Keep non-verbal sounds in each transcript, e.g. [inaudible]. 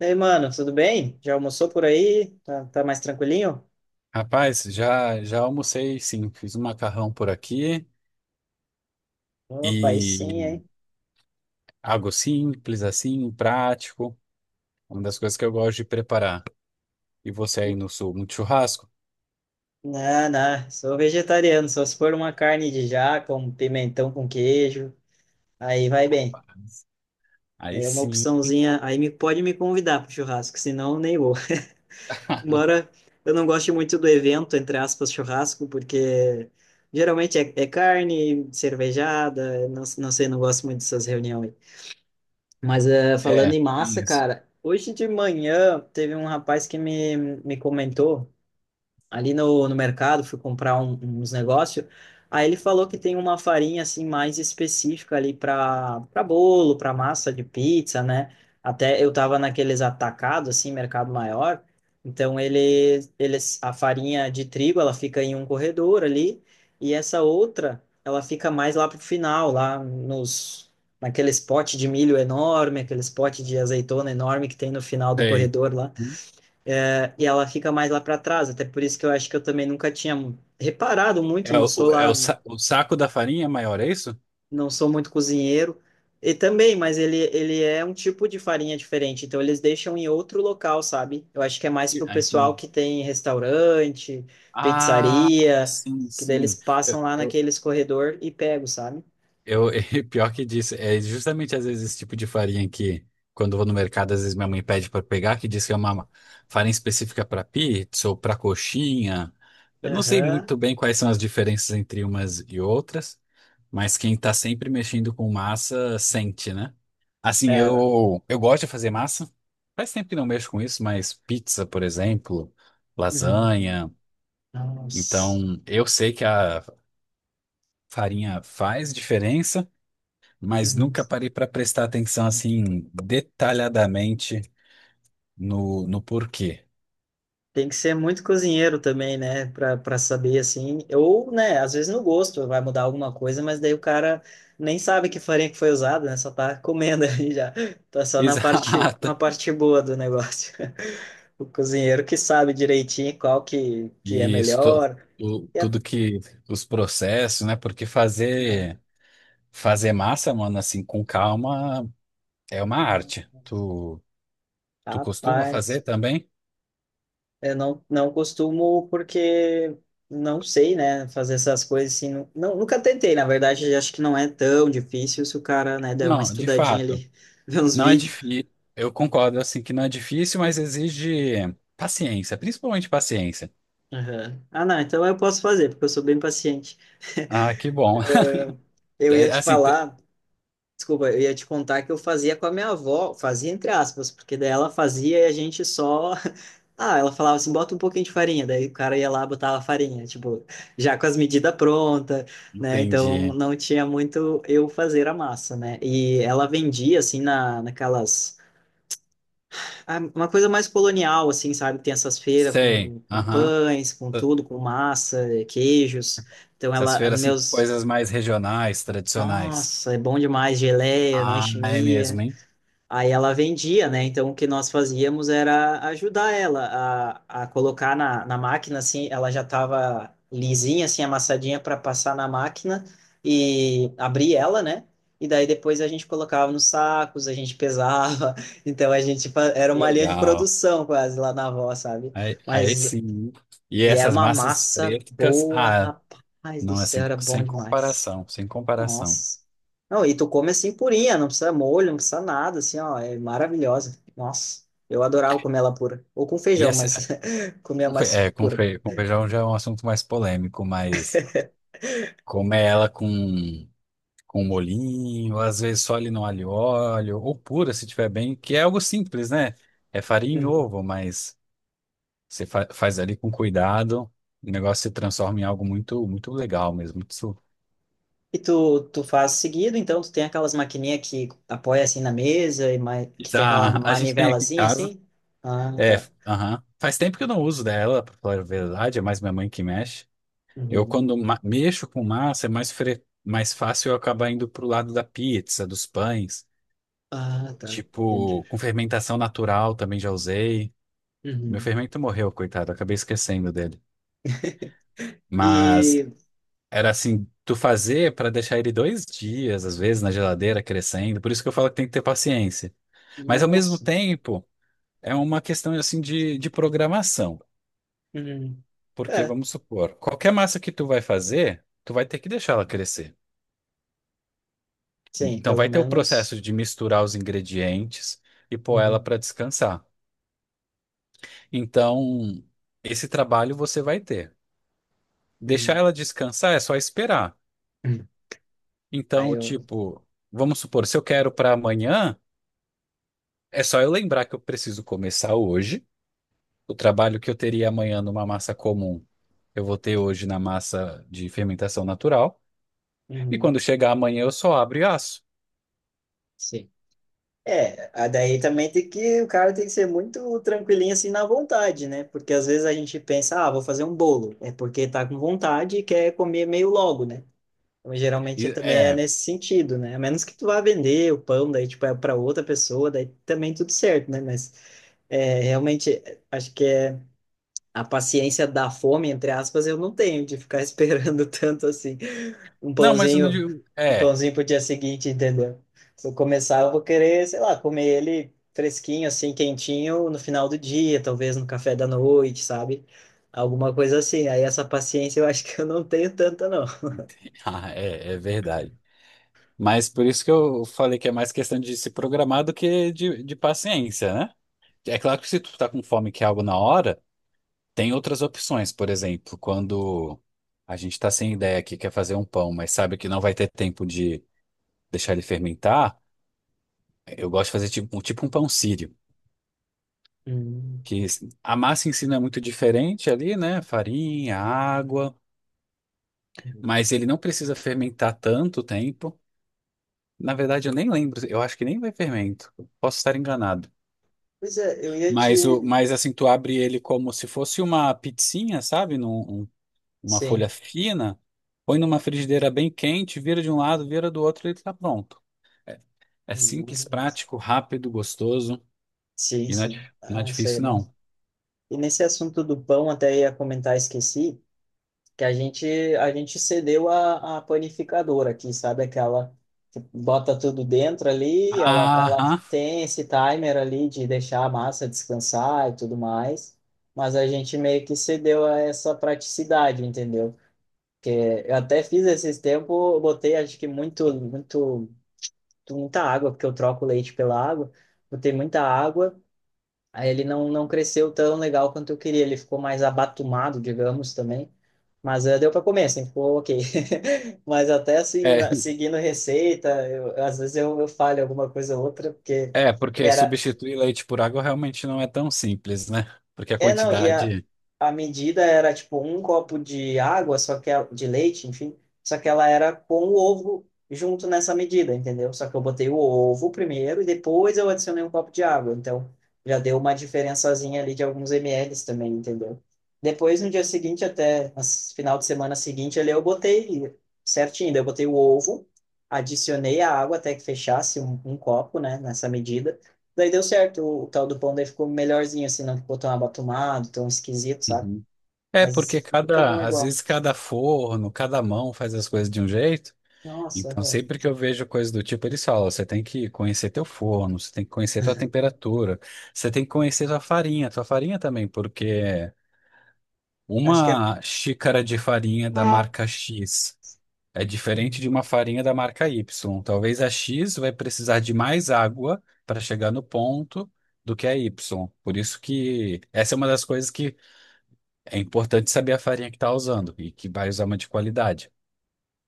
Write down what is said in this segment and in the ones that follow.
E aí, mano, tudo bem? Já almoçou por aí? Tá, tá mais tranquilinho? Rapaz, já almocei, sim. Fiz um macarrão por aqui Opa, aí sim, e hein? algo simples assim, prático, uma das coisas que eu gosto de preparar. E você aí no sul, muito churrasco? Não, não, sou vegetariano, só se for uma carne de jaca, um pimentão com queijo, aí vai bem. Rapaz, aí É uma sim. opçãozinha, aí me, pode me convidar pro churrasco, senão nem vou. [laughs] [laughs] Embora eu não goste muito do evento, entre aspas, churrasco, porque geralmente é carne, cervejada, não, não sei, não gosto muito dessas reuniões. Mas falando É, em tem massa, isso. cara, hoje de manhã teve um rapaz que me comentou ali no mercado, fui comprar uns negócios. Aí ele falou que tem uma farinha assim mais específica ali para bolo, para massa de pizza, né? Até eu tava naqueles atacados assim, mercado maior. Então ele, eles a farinha de trigo, ela fica em um corredor ali e essa outra, ela fica mais lá pro final, lá nos naqueles potes de milho enorme, aqueles potes de azeitona enorme que tem no final do Tem. corredor lá e ela fica mais lá para trás, até por isso que eu acho que eu também nunca tinha reparado muito, É não sou o, é lá, o, sa- o saco da farinha é maior, é isso? não sou muito cozinheiro. E também, mas ele é um tipo de farinha diferente, então eles deixam em outro local, sabe? Eu acho que é mais pro Ah, pessoal entendi. que tem restaurante, Ah, pizzaria, sim, que daí eles sim. passam lá Eu, naqueles corredor e pegam, sabe? [laughs] E pior que disso, é justamente às vezes esse tipo de farinha que, quando eu vou no mercado, às vezes minha mãe pede para pegar, que diz que é uma farinha específica para pizza ou para coxinha. Eu não sei Aham. muito bem quais são as diferenças entre umas e outras, mas quem tá sempre mexendo com massa sente, né? Assim, É. eu gosto de fazer massa. Faz tempo que não mexo com isso, mas pizza, por exemplo, Uhum. lasanha. Nossa. Então, eu sei que a farinha faz diferença, mas Uhum. nunca parei para prestar atenção assim detalhadamente no porquê. Tem que ser muito cozinheiro também, né? Pra saber, assim. Ou, né, às vezes no gosto vai mudar alguma coisa, mas daí o cara nem sabe que farinha que foi usada, né? Só tá comendo [laughs] ali já. Tá [laughs] só na Exata. parte boa do negócio. [laughs] O cozinheiro que sabe direitinho qual que é E isso, melhor. E a- tudo que os processos, né? Porque é, fazer massa, mano, assim com calma, é uma uhum. arte. Tu costuma fazer Rapaz. também? Eu não, não costumo porque não sei, né, fazer essas coisas assim. Não, nunca tentei, na verdade, acho que não é tão difícil se o cara, né, der uma Não, de estudadinha fato. ali, [laughs] ver uns Não é vídeos. difícil. Eu concordo assim que não é difícil, mas exige paciência, principalmente paciência. Aham. Ah, não, então eu posso fazer, porque eu sou bem paciente. Ah, que bom. [laughs] Eu ia É, te assim, falar. Desculpa, eu ia te contar que eu fazia com a minha avó, fazia entre aspas, porque daí ela fazia e a gente só. [laughs] Ah, ela falava assim, bota um pouquinho de farinha, daí o cara ia lá botar a farinha, tipo, já com as medidas prontas, né? Então entendi. não tinha muito eu fazer a massa, né? E ela vendia assim naquelas. Uma coisa mais colonial, assim, sabe? Tem essas feiras Sei. Com Aham. pães, com tudo, com massa, queijos. Então Essas ela, feiras, assim, com meus. coisas mais regionais, tradicionais. Nossa, é bom demais, geleia, né? Ah, é Chimia. mesmo, hein? Aí ela vendia, né? Então o que nós fazíamos era ajudar ela a colocar na máquina, assim, ela já estava lisinha, assim, amassadinha para passar na máquina e abrir ela, né? E daí depois a gente colocava nos sacos, a gente pesava. [laughs] Então a gente era Que uma linha de legal. produção quase lá na avó, sabe? Aí, aí Mas sim, hein? E e era essas uma massas massa pretas, boa, ah, rapaz do não é sem, céu, era bom sem demais. comparação, sem comparação. Nossa. Não, e tu come assim purinha, não precisa molho, não precisa nada, assim, ó, é maravilhosa. Nossa, eu adorava comer ela pura. Ou com E feijão, mas essa, [laughs] comia com fe- mais é, com, pura. fe, com feijão já é um assunto mais polêmico, mas comer ela com molhinho, às vezes só ali no alho e óleo, ou pura, se tiver bem, que é algo simples, né? É farinha e Uhum. ovo, mas. Você faz ali com cuidado, o negócio se transforma em algo muito, muito legal mesmo. Isso, E tu, tu faz seguido, então tu tem aquelas maquininhas que apoia assim na mesa e mais, que tem aquela tá, a gente tem aqui em manivelazinha casa. assim? Ah, É, tá. aham. Faz tempo que eu não uso dela, pra falar a verdade, é mais minha mãe que mexe. Eu, Uhum. quando mexo com massa, é mais fácil eu acabar indo pro lado da pizza, dos pães. Ah, tá. Entendi. Tipo, com fermentação natural também já usei. Meu Uhum. fermento morreu, coitado, acabei esquecendo dele. [laughs] Mas E, era assim, tu fazer para deixar ele 2 dias, às vezes, na geladeira crescendo. Por isso que eu falo que tem que ter paciência. Mas ao mesmo nossa. tempo, é uma questão assim de programação. Uhum. Porque, É, vamos supor, qualquer massa que tu vai fazer, tu vai ter que deixar ela crescer. sim, Então pelo vai ter o menos. processo de misturar os ingredientes e pôr ela Uhum. para descansar. Então, esse trabalho você vai ter. Deixar Uhum. ela descansar é só esperar. Uhum. Aí Então, eu tipo, vamos supor, se eu quero para amanhã, é só eu lembrar que eu preciso começar hoje. O trabalho que eu teria amanhã numa massa comum, eu vou ter hoje na massa de fermentação natural. E Uhum. quando chegar amanhã, eu só abro e asso. Sim. É, daí também tem que, o cara tem que ser muito tranquilinho assim na vontade, né? Porque às vezes a gente pensa, ah, vou fazer um bolo. É porque tá com vontade e quer comer meio logo, né? Então, geralmente E, também é é. nesse sentido, né? A menos que tu vá vender o pão, daí tipo é para outra pessoa, daí também tudo certo, né? Mas é, realmente acho que é a paciência da fome, entre aspas, eu não tenho de ficar [laughs] esperando tanto assim um Não, mas eu não pãozinho, digo. um É. [laughs] pãozinho pro dia seguinte, entendeu? Se eu começar, eu vou querer, sei lá, comer ele fresquinho, assim, quentinho, no final do dia, talvez no café da noite, sabe? Alguma coisa assim. Aí essa paciência eu acho que eu não tenho tanta, não. Ah, é verdade. Mas por isso que eu falei que é mais questão de se programar do que de paciência, né? É claro que, se tu tá com fome e quer algo na hora, tem outras opções. Por exemplo, quando a gente tá sem ideia aqui, quer fazer um pão, mas sabe que não vai ter tempo de deixar ele fermentar, eu gosto de fazer tipo, tipo um pão sírio, Hum. que a massa em si não é muito diferente ali, né? Farinha, água, mas ele não precisa fermentar tanto tempo. Na verdade, eu nem lembro, eu acho que nem vai fermento. Posso estar enganado. Pois é, eu ia te. Mas assim, tu abre ele como se fosse uma pizzinha, sabe? Uma folha Sim. fina, põe numa frigideira bem quente, vira de um lado, vira do outro e ele tá pronto. É, é simples, prático, rápido, gostoso, Sim, e sim. não é Ah, isso aí é difícil, bom. não. E nesse assunto do pão, até ia comentar, esqueci. Que a gente cedeu a panificadora aqui, sabe? Aquela que bota tudo dentro ali, ela Aham. tem esse timer ali de deixar a massa descansar e tudo mais, mas a gente meio que cedeu a essa praticidade, entendeu? Porque eu até fiz esses tempos, eu botei acho que muito muito muita água, porque eu troco o leite pela água, botei muita água. Aí ele não, não cresceu tão legal quanto eu queria, ele ficou mais abatumado, digamos, também. Mas deu para comer, assim, ficou ok. [laughs] Mas até assim, É, seguindo receita, eu, às vezes eu falho alguma coisa ou outra, porque é, porque era, substituir leite por água realmente não é tão simples, né? Porque a É, não, quantidade. a medida era tipo um copo de água, só que de leite, enfim, só que ela era com o ovo junto nessa medida, entendeu? Só que eu botei o ovo primeiro e depois eu adicionei um copo de água, então já deu uma diferençazinha ali de alguns mls também, entendeu? Depois, no dia seguinte, até no final de semana seguinte, ali eu botei certinho, daí eu botei o ovo, adicionei a água até que fechasse um copo, né, nessa medida. Daí deu certo, o tal do pão daí ficou melhorzinho, assim, não ficou tão abatumado, tão esquisito, sabe? Uhum. É, porque Mas fica bom cada, às igual. vezes cada forno, cada mão faz as coisas de um jeito. Nossa, Então, eu- sempre que eu vejo coisa do tipo, eles falam: você tem que conhecer teu forno, você tem que conhecer tua temperatura, você tem que conhecer tua farinha também, porque acho que é. uma xícara de farinha da Ah, marca X. É diferente de uma farinha da marca Y. Talvez a X vai precisar de mais água para chegar no ponto do que a Y. Por isso que essa é uma das coisas que é importante saber a farinha que está usando e que vai usar uma de qualidade.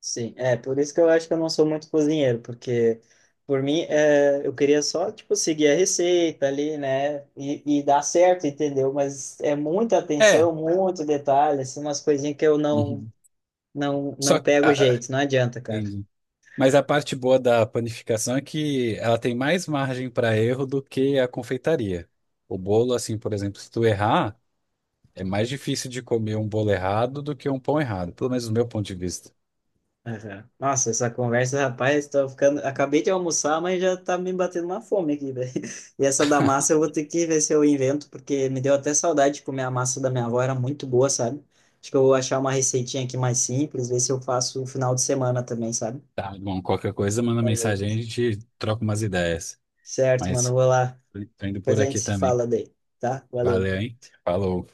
sim, é por isso que eu acho que eu não sou muito cozinheiro, porque por mim é, eu queria só, tipo, seguir a receita ali, né? E dar certo, entendeu? Mas é muita É, atenção, muito detalhe, assim, umas coisinhas que eu não, uhum. Só não que, pego ah, ah, jeito, não adianta, cara. entendi. Mas a parte boa da panificação é que ela tem mais margem para erro do que a confeitaria. O bolo, assim, por exemplo, se tu errar, é mais difícil de comer um bolo errado do que um pão errado, pelo menos do meu ponto de vista. Aham. Nossa, essa conversa, rapaz, tô ficando. Acabei de almoçar, mas já tá me batendo uma fome aqui, velho. [laughs] E essa da massa eu vou ter que ver se eu invento, porque me deu até saudade de comer a massa da minha avó, era muito boa, sabe? Acho que eu vou achar uma receitinha aqui mais simples, ver se eu faço no final de semana também, sabe? Tá, bom, qualquer coisa, manda Fazer aqui. mensagem, a gente troca umas ideias. Certo, mano, eu Mas vou lá. tô indo Depois por a gente aqui se também. fala daí, tá? Valeu. Valeu, hein? Falou.